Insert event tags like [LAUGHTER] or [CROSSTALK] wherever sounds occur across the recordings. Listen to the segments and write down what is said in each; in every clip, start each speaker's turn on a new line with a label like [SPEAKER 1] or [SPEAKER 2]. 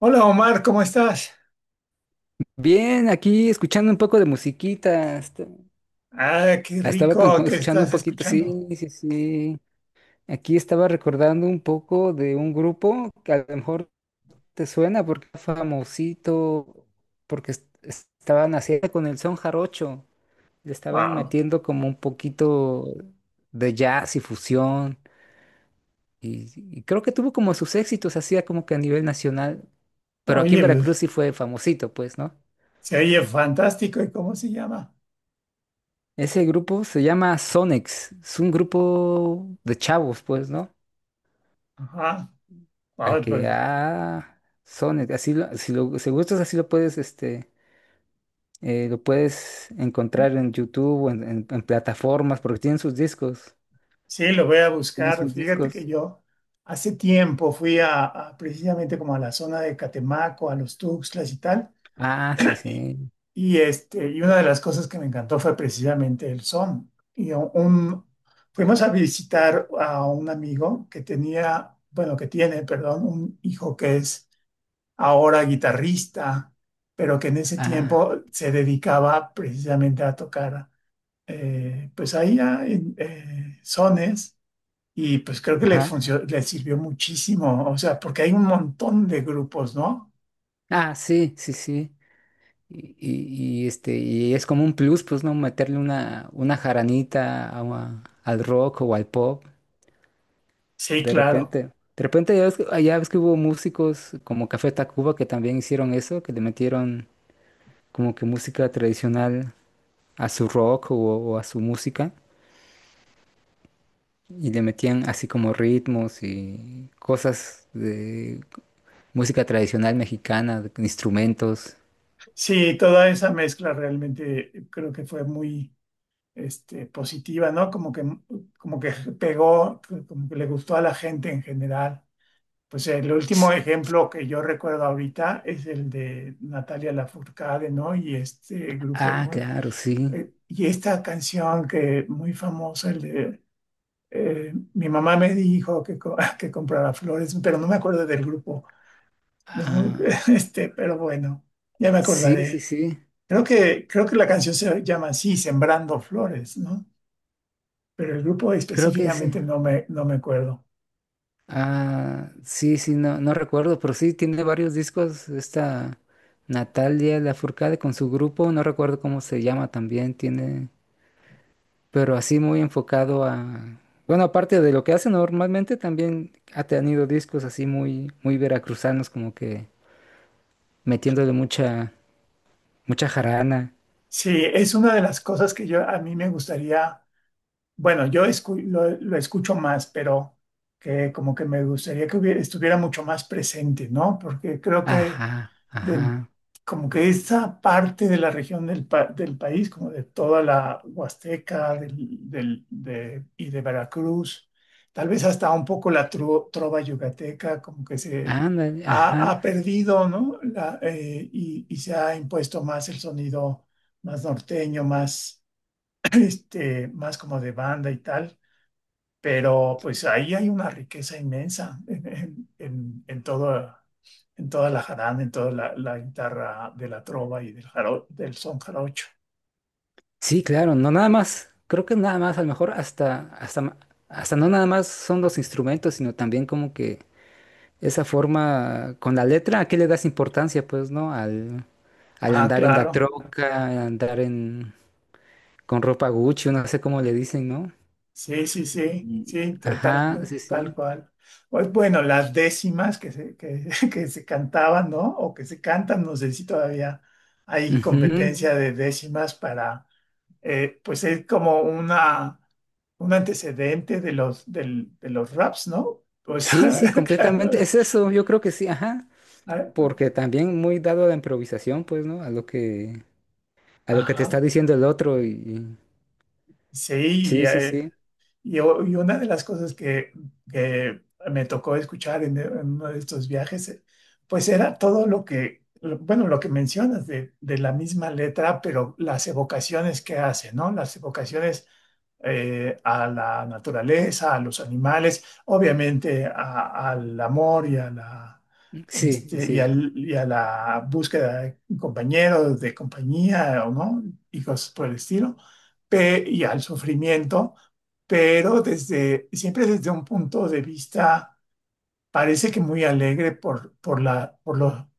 [SPEAKER 1] Hola Omar, ¿cómo estás?
[SPEAKER 2] Bien, aquí escuchando un poco de musiquita.
[SPEAKER 1] Ah, qué
[SPEAKER 2] Estaba
[SPEAKER 1] rico que
[SPEAKER 2] escuchando un
[SPEAKER 1] estás
[SPEAKER 2] poquito,
[SPEAKER 1] escuchando.
[SPEAKER 2] sí, sí, sí. Aquí estaba recordando un poco de un grupo que a lo mejor te suena porque es famosito, porque es- estaban haciendo con el son jarocho. Le estaban
[SPEAKER 1] Wow.
[SPEAKER 2] metiendo como un poquito de jazz y fusión. Y, y creo que tuvo como sus éxitos, hacía como que a nivel nacional. Pero aquí en
[SPEAKER 1] Oye, pues,
[SPEAKER 2] Veracruz sí fue famosito, pues, ¿no?
[SPEAKER 1] se oye fantástico. ¿Y cómo se llama?
[SPEAKER 2] Ese grupo se llama Sonex. Es un grupo de chavos, pues, ¿no?
[SPEAKER 1] Ajá.
[SPEAKER 2] A
[SPEAKER 1] Wow,
[SPEAKER 2] que,
[SPEAKER 1] pues,
[SPEAKER 2] ah, Sonex, así lo, si gustas, así lo puedes, este, lo puedes encontrar en YouTube o en plataformas, porque tienen sus discos.
[SPEAKER 1] sí, lo voy a
[SPEAKER 2] Tienen
[SPEAKER 1] buscar.
[SPEAKER 2] sus
[SPEAKER 1] Fíjate que
[SPEAKER 2] discos.
[SPEAKER 1] yo hace tiempo fui a precisamente como a la zona de Catemaco, a los Tuxtlas y tal.
[SPEAKER 2] Ah, sí,
[SPEAKER 1] Y,
[SPEAKER 2] sí.
[SPEAKER 1] y una de las cosas que me encantó fue precisamente el son. Fuimos a visitar a un amigo que tenía, bueno, que tiene, perdón, un hijo que es ahora guitarrista, pero que en ese
[SPEAKER 2] Ah,
[SPEAKER 1] tiempo se dedicaba precisamente a tocar, pues ahí sones, y pues creo que le
[SPEAKER 2] ajá.
[SPEAKER 1] funcionó le sirvió muchísimo, o sea, porque hay un montón de grupos, ¿no?
[SPEAKER 2] Ah, sí, sí, sí. Y, este, y es como un plus, pues, ¿no? Meterle una jaranita al rock o al pop.
[SPEAKER 1] Sí,
[SPEAKER 2] De
[SPEAKER 1] claro.
[SPEAKER 2] repente, de repente ya ves, ya ves que hubo músicos como Café Tacuba que también hicieron eso, que le metieron como que música tradicional a su rock o a su música y le metían así como ritmos y cosas de música tradicional mexicana, instrumentos.
[SPEAKER 1] Sí, toda esa mezcla realmente creo que fue muy, este, positiva, ¿no? Como que pegó, como que le gustó a la gente en general. Pues el último ejemplo que yo recuerdo ahorita es el de Natalia Lafourcade, ¿no? Y este grupo,
[SPEAKER 2] Ah,
[SPEAKER 1] ¿cómo?
[SPEAKER 2] claro, sí.
[SPEAKER 1] Y esta canción que muy famosa, el de, mi mamá me dijo que, [LAUGHS] que comprara flores, pero no me acuerdo del grupo, ¿no?
[SPEAKER 2] Ah,
[SPEAKER 1] [LAUGHS] Este, pero bueno, ya me
[SPEAKER 2] sí, sí,
[SPEAKER 1] acordaré.
[SPEAKER 2] sí.
[SPEAKER 1] Creo que la canción se llama así, Sembrando Flores, ¿no? Pero el grupo
[SPEAKER 2] Creo que sí.
[SPEAKER 1] específicamente no me acuerdo.
[SPEAKER 2] Ah, sí, sí, no, no recuerdo, pero sí tiene varios discos. Esta Natalia Lafourcade con su grupo, no recuerdo cómo se llama también, tiene, pero así muy enfocado a, bueno, aparte de lo que hace normalmente, también ha tenido discos así muy, muy veracruzanos, como que metiéndole mucha, mucha jarana.
[SPEAKER 1] Sí, es una de las cosas que yo a mí me gustaría. Bueno, lo escucho más, pero que como que me gustaría que estuviera mucho más presente, ¿no? Porque creo que
[SPEAKER 2] Ajá,
[SPEAKER 1] de-
[SPEAKER 2] ajá,
[SPEAKER 1] como que esta parte de la región del país, como de toda la Huasteca y de Veracruz, tal vez hasta un poco la trova yucateca, como que se
[SPEAKER 2] ándale,
[SPEAKER 1] ha,
[SPEAKER 2] ajá.
[SPEAKER 1] ha perdido, ¿no? Y se ha impuesto más el sonido más norteño, más, [CLEARS THROAT] este, más como de banda y tal, pero pues ahí hay una riqueza inmensa en toda la jarana, en toda la, la guitarra de la trova y del, del son jarocho.
[SPEAKER 2] Sí, claro, no nada más, creo que nada más, a lo mejor hasta, hasta no nada más son los instrumentos, sino también como que esa forma con la letra, ¿a qué le das importancia, pues, no? Al, al
[SPEAKER 1] Ah,
[SPEAKER 2] andar en la
[SPEAKER 1] claro.
[SPEAKER 2] troca, al andar en, con ropa Gucci, no sé cómo le dicen, ¿no?
[SPEAKER 1] Sí, sí, sí,
[SPEAKER 2] Y
[SPEAKER 1] sí,
[SPEAKER 2] ajá, sí,
[SPEAKER 1] tal
[SPEAKER 2] sí.
[SPEAKER 1] cual. Pues bueno, las décimas que se, que, [LAUGHS] que se cantaban, ¿no? O que se cantan, no sé si todavía hay
[SPEAKER 2] Ujú.
[SPEAKER 1] competencia de décimas para, pues es como una, un antecedente de los raps, ¿no? O
[SPEAKER 2] Sí,
[SPEAKER 1] sea,
[SPEAKER 2] sí,
[SPEAKER 1] [LAUGHS] claro.
[SPEAKER 2] completamente. Es eso, yo creo que sí, ajá.
[SPEAKER 1] Ah,
[SPEAKER 2] Porque también muy dado a la improvisación, pues, ¿no? A lo que te
[SPEAKER 1] ajá,
[SPEAKER 2] está diciendo el otro
[SPEAKER 1] sí, y,
[SPEAKER 2] sí, sí,
[SPEAKER 1] eh,
[SPEAKER 2] sí.
[SPEAKER 1] y una de las cosas que me tocó escuchar en uno de estos viajes, pues era todo lo que, bueno, lo que mencionas de la misma letra, pero las evocaciones que hace, ¿no? Las evocaciones a la naturaleza, a los animales, obviamente al amor y a la,
[SPEAKER 2] Sí,
[SPEAKER 1] este, y
[SPEAKER 2] sí.
[SPEAKER 1] y a la búsqueda de compañeros, de compañía, ¿o ¿no? Y cosas por el estilo, y al sufrimiento, pero desde, siempre desde un punto de vista, parece que muy alegre por la, por lo,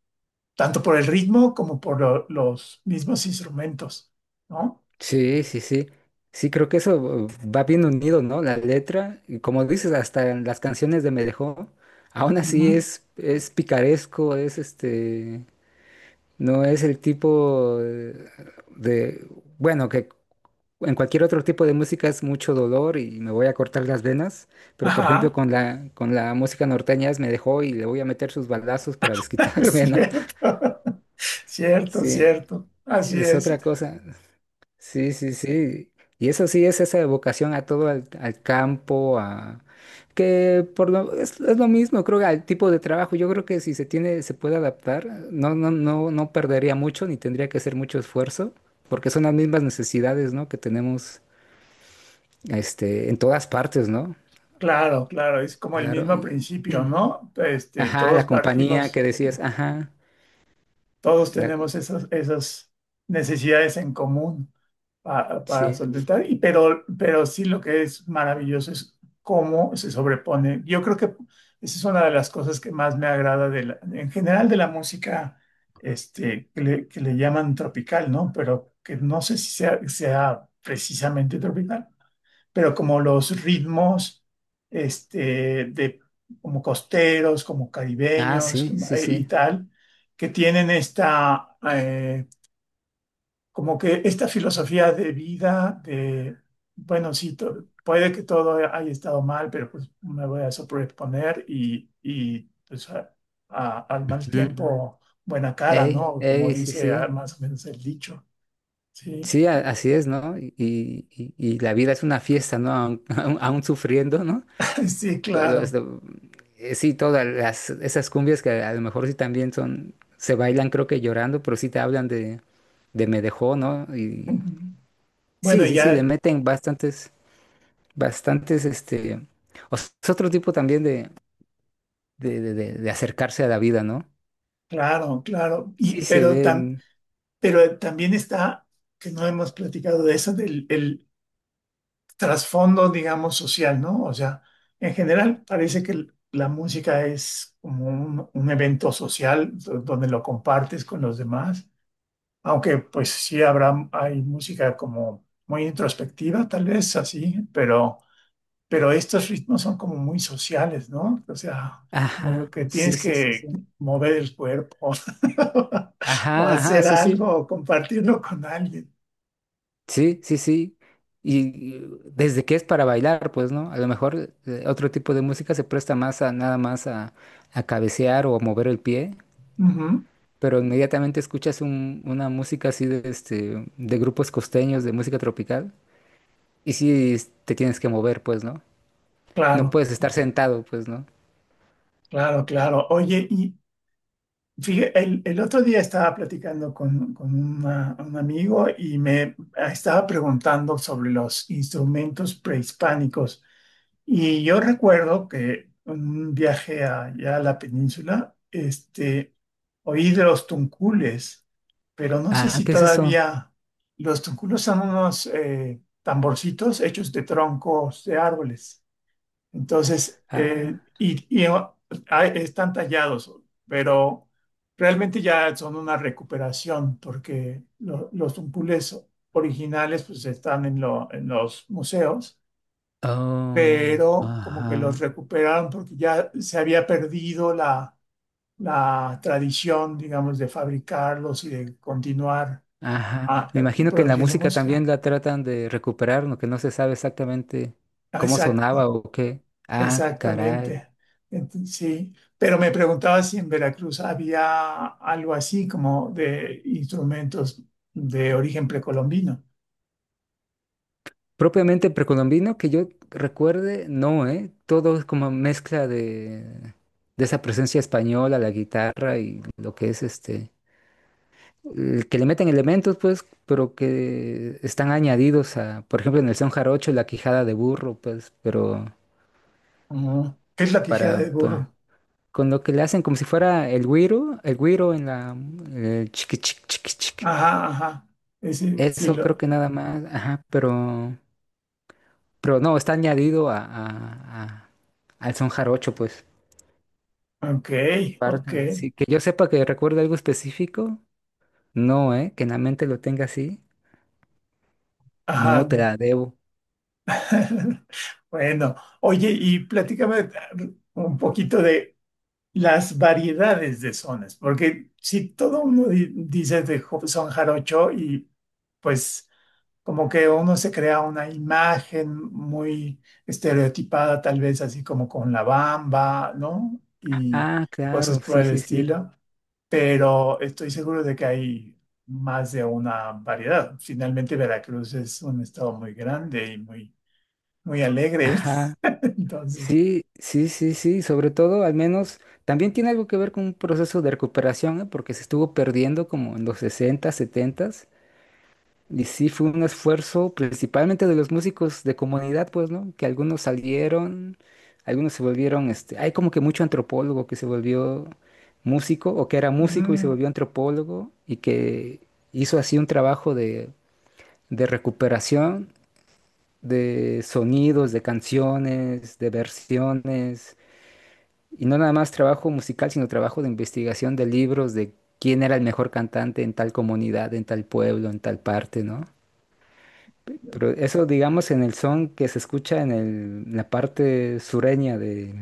[SPEAKER 1] tanto por el ritmo como por los mismos instrumentos, ¿no?
[SPEAKER 2] Sí, sí, sí. Sí, creo que eso va bien unido, ¿no? La letra, y como dices, hasta en las canciones de Me dejó, aún así
[SPEAKER 1] Ujú.
[SPEAKER 2] es picaresco, es este, no es el tipo de, bueno, que en cualquier otro tipo de música es mucho dolor y me voy a cortar las venas, pero por ejemplo
[SPEAKER 1] Ajá.
[SPEAKER 2] con la música norteña es Me dejó y le voy a meter sus balazos para
[SPEAKER 1] [LAUGHS]
[SPEAKER 2] desquitarme, [LAUGHS] ¿no?
[SPEAKER 1] Cierto, [LAUGHS] cierto,
[SPEAKER 2] Sí,
[SPEAKER 1] cierto. Así
[SPEAKER 2] es
[SPEAKER 1] es.
[SPEAKER 2] otra cosa. Sí, sí, sí. Y eso sí es esa evocación a todo al, al campo, a que por lo, es lo mismo, creo que al tipo de trabajo. Yo creo que si se tiene, se puede adaptar, no, no, no, no perdería mucho, ni tendría que hacer mucho esfuerzo, porque son las mismas necesidades, ¿no? Que tenemos este, en todas partes, ¿no?
[SPEAKER 1] Claro, claro, es como el
[SPEAKER 2] Claro.
[SPEAKER 1] mismo principio, ¿no? Este,
[SPEAKER 2] Ajá,
[SPEAKER 1] todos
[SPEAKER 2] la compañía
[SPEAKER 1] partimos.
[SPEAKER 2] que decías, ajá,
[SPEAKER 1] Todos
[SPEAKER 2] la, co-
[SPEAKER 1] tenemos esas, esas necesidades en común para
[SPEAKER 2] sí.
[SPEAKER 1] solventar, y, pero sí lo que es maravilloso es cómo se sobrepone. Yo creo que esa es una de las cosas que más me agrada de en general de la música, este, que le llaman tropical, ¿no? Pero que no sé si sea, sea precisamente tropical, pero como los ritmos, este, de, como costeros, como
[SPEAKER 2] Ah,
[SPEAKER 1] caribeños,
[SPEAKER 2] sí, sí,
[SPEAKER 1] y
[SPEAKER 2] sí.
[SPEAKER 1] tal, que tienen esta, como que esta filosofía de vida de, bueno, sí, puede que todo haya estado mal, pero pues me voy a sobreponer y pues al mal
[SPEAKER 2] Ujú.
[SPEAKER 1] tiempo, buena cara,
[SPEAKER 2] Ey,
[SPEAKER 1] ¿no? Como
[SPEAKER 2] ey, sí,
[SPEAKER 1] dice ah,
[SPEAKER 2] sí.
[SPEAKER 1] más o menos el dicho, ¿sí?
[SPEAKER 2] Sí, así
[SPEAKER 1] [LAUGHS]
[SPEAKER 2] es, ¿no? Y, y la vida es una fiesta, ¿no? Aún, [LAUGHS] aún sufriendo, ¿no?
[SPEAKER 1] Sí,
[SPEAKER 2] Lo- lo-
[SPEAKER 1] claro.
[SPEAKER 2] esto- sí, todas las, esas cumbias que a lo mejor sí también son, se bailan creo que llorando, pero sí te hablan de me dejó, ¿no? Y
[SPEAKER 1] Ujú. Bueno,
[SPEAKER 2] sí, sí, sí, le
[SPEAKER 1] ya.
[SPEAKER 2] meten bastantes, bastantes, este, es otro tipo también de, de acercarse a la vida, ¿no?
[SPEAKER 1] Claro, claro.
[SPEAKER 2] Sí, se ven,
[SPEAKER 1] Pero también está, que no hemos platicado de eso, del el trasfondo, digamos, social, ¿no? O sea, en general parece que la música es como un evento social donde lo compartes con los demás, aunque pues sí habrá, hay música como muy introspectiva, tal vez así, pero estos ritmos son como muy sociales, ¿no? O sea, como
[SPEAKER 2] ajá,
[SPEAKER 1] que tienes
[SPEAKER 2] sí, sí, sí,
[SPEAKER 1] que
[SPEAKER 2] sí.
[SPEAKER 1] mover el cuerpo [LAUGHS] o
[SPEAKER 2] Ajá, ajá,
[SPEAKER 1] hacer
[SPEAKER 2] sí,
[SPEAKER 1] algo
[SPEAKER 2] sí.
[SPEAKER 1] o compartirlo con alguien.
[SPEAKER 2] Sí, sí, sí. Y desde que es para bailar, pues, ¿no? A lo mejor otro tipo de música se presta más a nada más a cabecear o a mover el pie,
[SPEAKER 1] Ujú.
[SPEAKER 2] pero inmediatamente escuchas una música así de, este, de grupos costeños, de música tropical, y sí te tienes que mover, pues, ¿no? No
[SPEAKER 1] Claro,
[SPEAKER 2] puedes estar sentado, pues, ¿no?
[SPEAKER 1] claro, claro. Oye, y fíjate, el otro día estaba platicando con un amigo y me estaba preguntando sobre los instrumentos prehispánicos. Y yo recuerdo que en un viaje allá a la península, este, oí de los tuncules, pero no sé
[SPEAKER 2] Ah,
[SPEAKER 1] si
[SPEAKER 2] ¿qué es eso?
[SPEAKER 1] todavía los tunculos son unos tamborcitos hechos de troncos de árboles. Entonces,
[SPEAKER 2] Ah,
[SPEAKER 1] están tallados, pero realmente ya son una recuperación porque los tuncules originales pues están en, en los museos,
[SPEAKER 2] oh,
[SPEAKER 1] pero como que los
[SPEAKER 2] ajá.
[SPEAKER 1] recuperaron porque ya se había perdido la, la tradición, digamos, de fabricarlos y de continuar
[SPEAKER 2] Ajá. Me imagino que en la
[SPEAKER 1] produciendo
[SPEAKER 2] música
[SPEAKER 1] música.
[SPEAKER 2] también la tratan de recuperar, ¿no? Que no se sabe exactamente
[SPEAKER 1] Ah,
[SPEAKER 2] cómo
[SPEAKER 1] exacto,
[SPEAKER 2] sonaba o qué. Ah, caray.
[SPEAKER 1] exactamente. Sí, pero me preguntaba si en Veracruz había algo así como de instrumentos de origen precolombino.
[SPEAKER 2] Propiamente precolombino, que yo recuerde, no, ¿eh? Todo es como mezcla de esa presencia española, la guitarra y lo que es este. El que le meten elementos, pues, pero que están añadidos a, por ejemplo, en el son jarocho, la quijada de burro, pues, pero
[SPEAKER 1] Ujú. ¿Qué es la quijada
[SPEAKER 2] para,
[SPEAKER 1] de burro?
[SPEAKER 2] con lo que le hacen como si fuera el güiro en la el chiqui chiqui chiqui chiqui.
[SPEAKER 1] Ajá, ajá. Ese, sí,
[SPEAKER 2] Eso creo
[SPEAKER 1] lo...
[SPEAKER 2] que nada más, ajá, pero no, está añadido a, al son jarocho, pues.
[SPEAKER 1] Ok, ok.
[SPEAKER 2] Parte, sí, que yo sepa que recuerde algo específico, no, que en la mente lo tenga así, no
[SPEAKER 1] Ajá.
[SPEAKER 2] te la debo.
[SPEAKER 1] [LAUGHS] Bueno, oye, y platícame un poquito de las variedades de sones, porque si todo uno dice de son jarocho y pues... como que uno se crea una imagen muy estereotipada, tal vez así como con la bamba, ¿no? Y
[SPEAKER 2] Ah,
[SPEAKER 1] cosas
[SPEAKER 2] claro,
[SPEAKER 1] por
[SPEAKER 2] sí,
[SPEAKER 1] el
[SPEAKER 2] sí, sí.
[SPEAKER 1] estilo, pero estoy seguro de que hay más de una variedad. Finalmente, Veracruz es un estado muy grande y muy, muy alegre.
[SPEAKER 2] Ajá.
[SPEAKER 1] [LAUGHS] Entonces,
[SPEAKER 2] Sí, sí, sí, sí, sobre todo al menos también tiene algo que ver con un proceso de recuperación, ¿eh? Porque se estuvo perdiendo como en los 60, 70. Y sí, fue un esfuerzo principalmente de los músicos de comunidad, pues, ¿no? Que algunos salieron, algunos se volvieron, este, hay como que mucho antropólogo que se volvió músico o que era músico y se
[SPEAKER 1] mm,
[SPEAKER 2] volvió antropólogo y que hizo así un trabajo de recuperación de sonidos, de canciones, de versiones, y no nada más trabajo musical, sino trabajo de investigación de libros, de quién era el mejor cantante en tal comunidad, en tal pueblo, en tal parte, ¿no? Pero eso, digamos, en el son que se escucha en en la parte sureña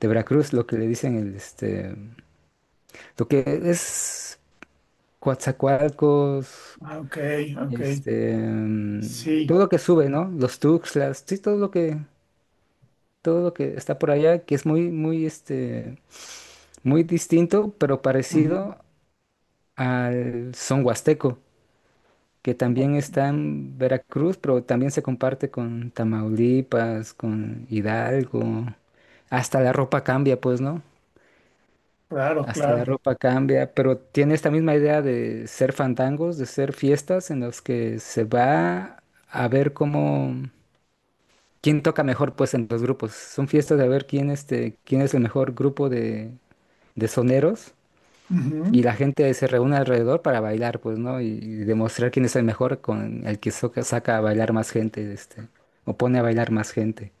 [SPEAKER 2] de Veracruz, lo que le dicen el, este, lo que es Coatzacoalcos,
[SPEAKER 1] ok, ok,
[SPEAKER 2] este, mm,
[SPEAKER 1] sí,
[SPEAKER 2] todo lo que sube, ¿no? Los Tuxtlas, sí, todo lo que está por allá, que es muy, muy, este, muy distinto, pero
[SPEAKER 1] ujú,
[SPEAKER 2] parecido al son huasteco, que
[SPEAKER 1] o-
[SPEAKER 2] también está en Veracruz, pero también se comparte con Tamaulipas, con Hidalgo. Hasta la ropa cambia, pues, ¿no?
[SPEAKER 1] claro,
[SPEAKER 2] Hasta la
[SPEAKER 1] claro.
[SPEAKER 2] ropa cambia, pero tiene esta misma idea de ser fandangos, de ser fiestas en las que se va a ver cómo, quién toca mejor, pues, en los grupos. Son fiestas de ver quién, este, quién es el mejor grupo de soneros, y
[SPEAKER 1] Ujú.
[SPEAKER 2] la gente se reúne alrededor para bailar, pues, ¿no? Y demostrar quién es el mejor con el que saca a bailar más gente, este, o pone a bailar más gente.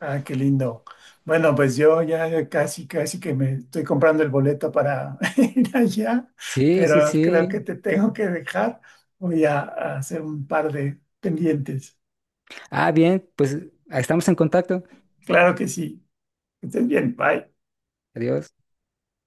[SPEAKER 1] Ah, qué lindo. Bueno, pues yo ya casi, casi que me estoy comprando el boleto para [LAUGHS] ir allá,
[SPEAKER 2] Sí, sí,
[SPEAKER 1] pero creo que
[SPEAKER 2] sí.
[SPEAKER 1] te tengo que dejar. Voy a hacer un par de pendientes.
[SPEAKER 2] Ah, bien, pues estamos en contacto.
[SPEAKER 1] Claro que sí. Que estés bien. Bye.
[SPEAKER 2] Adiós.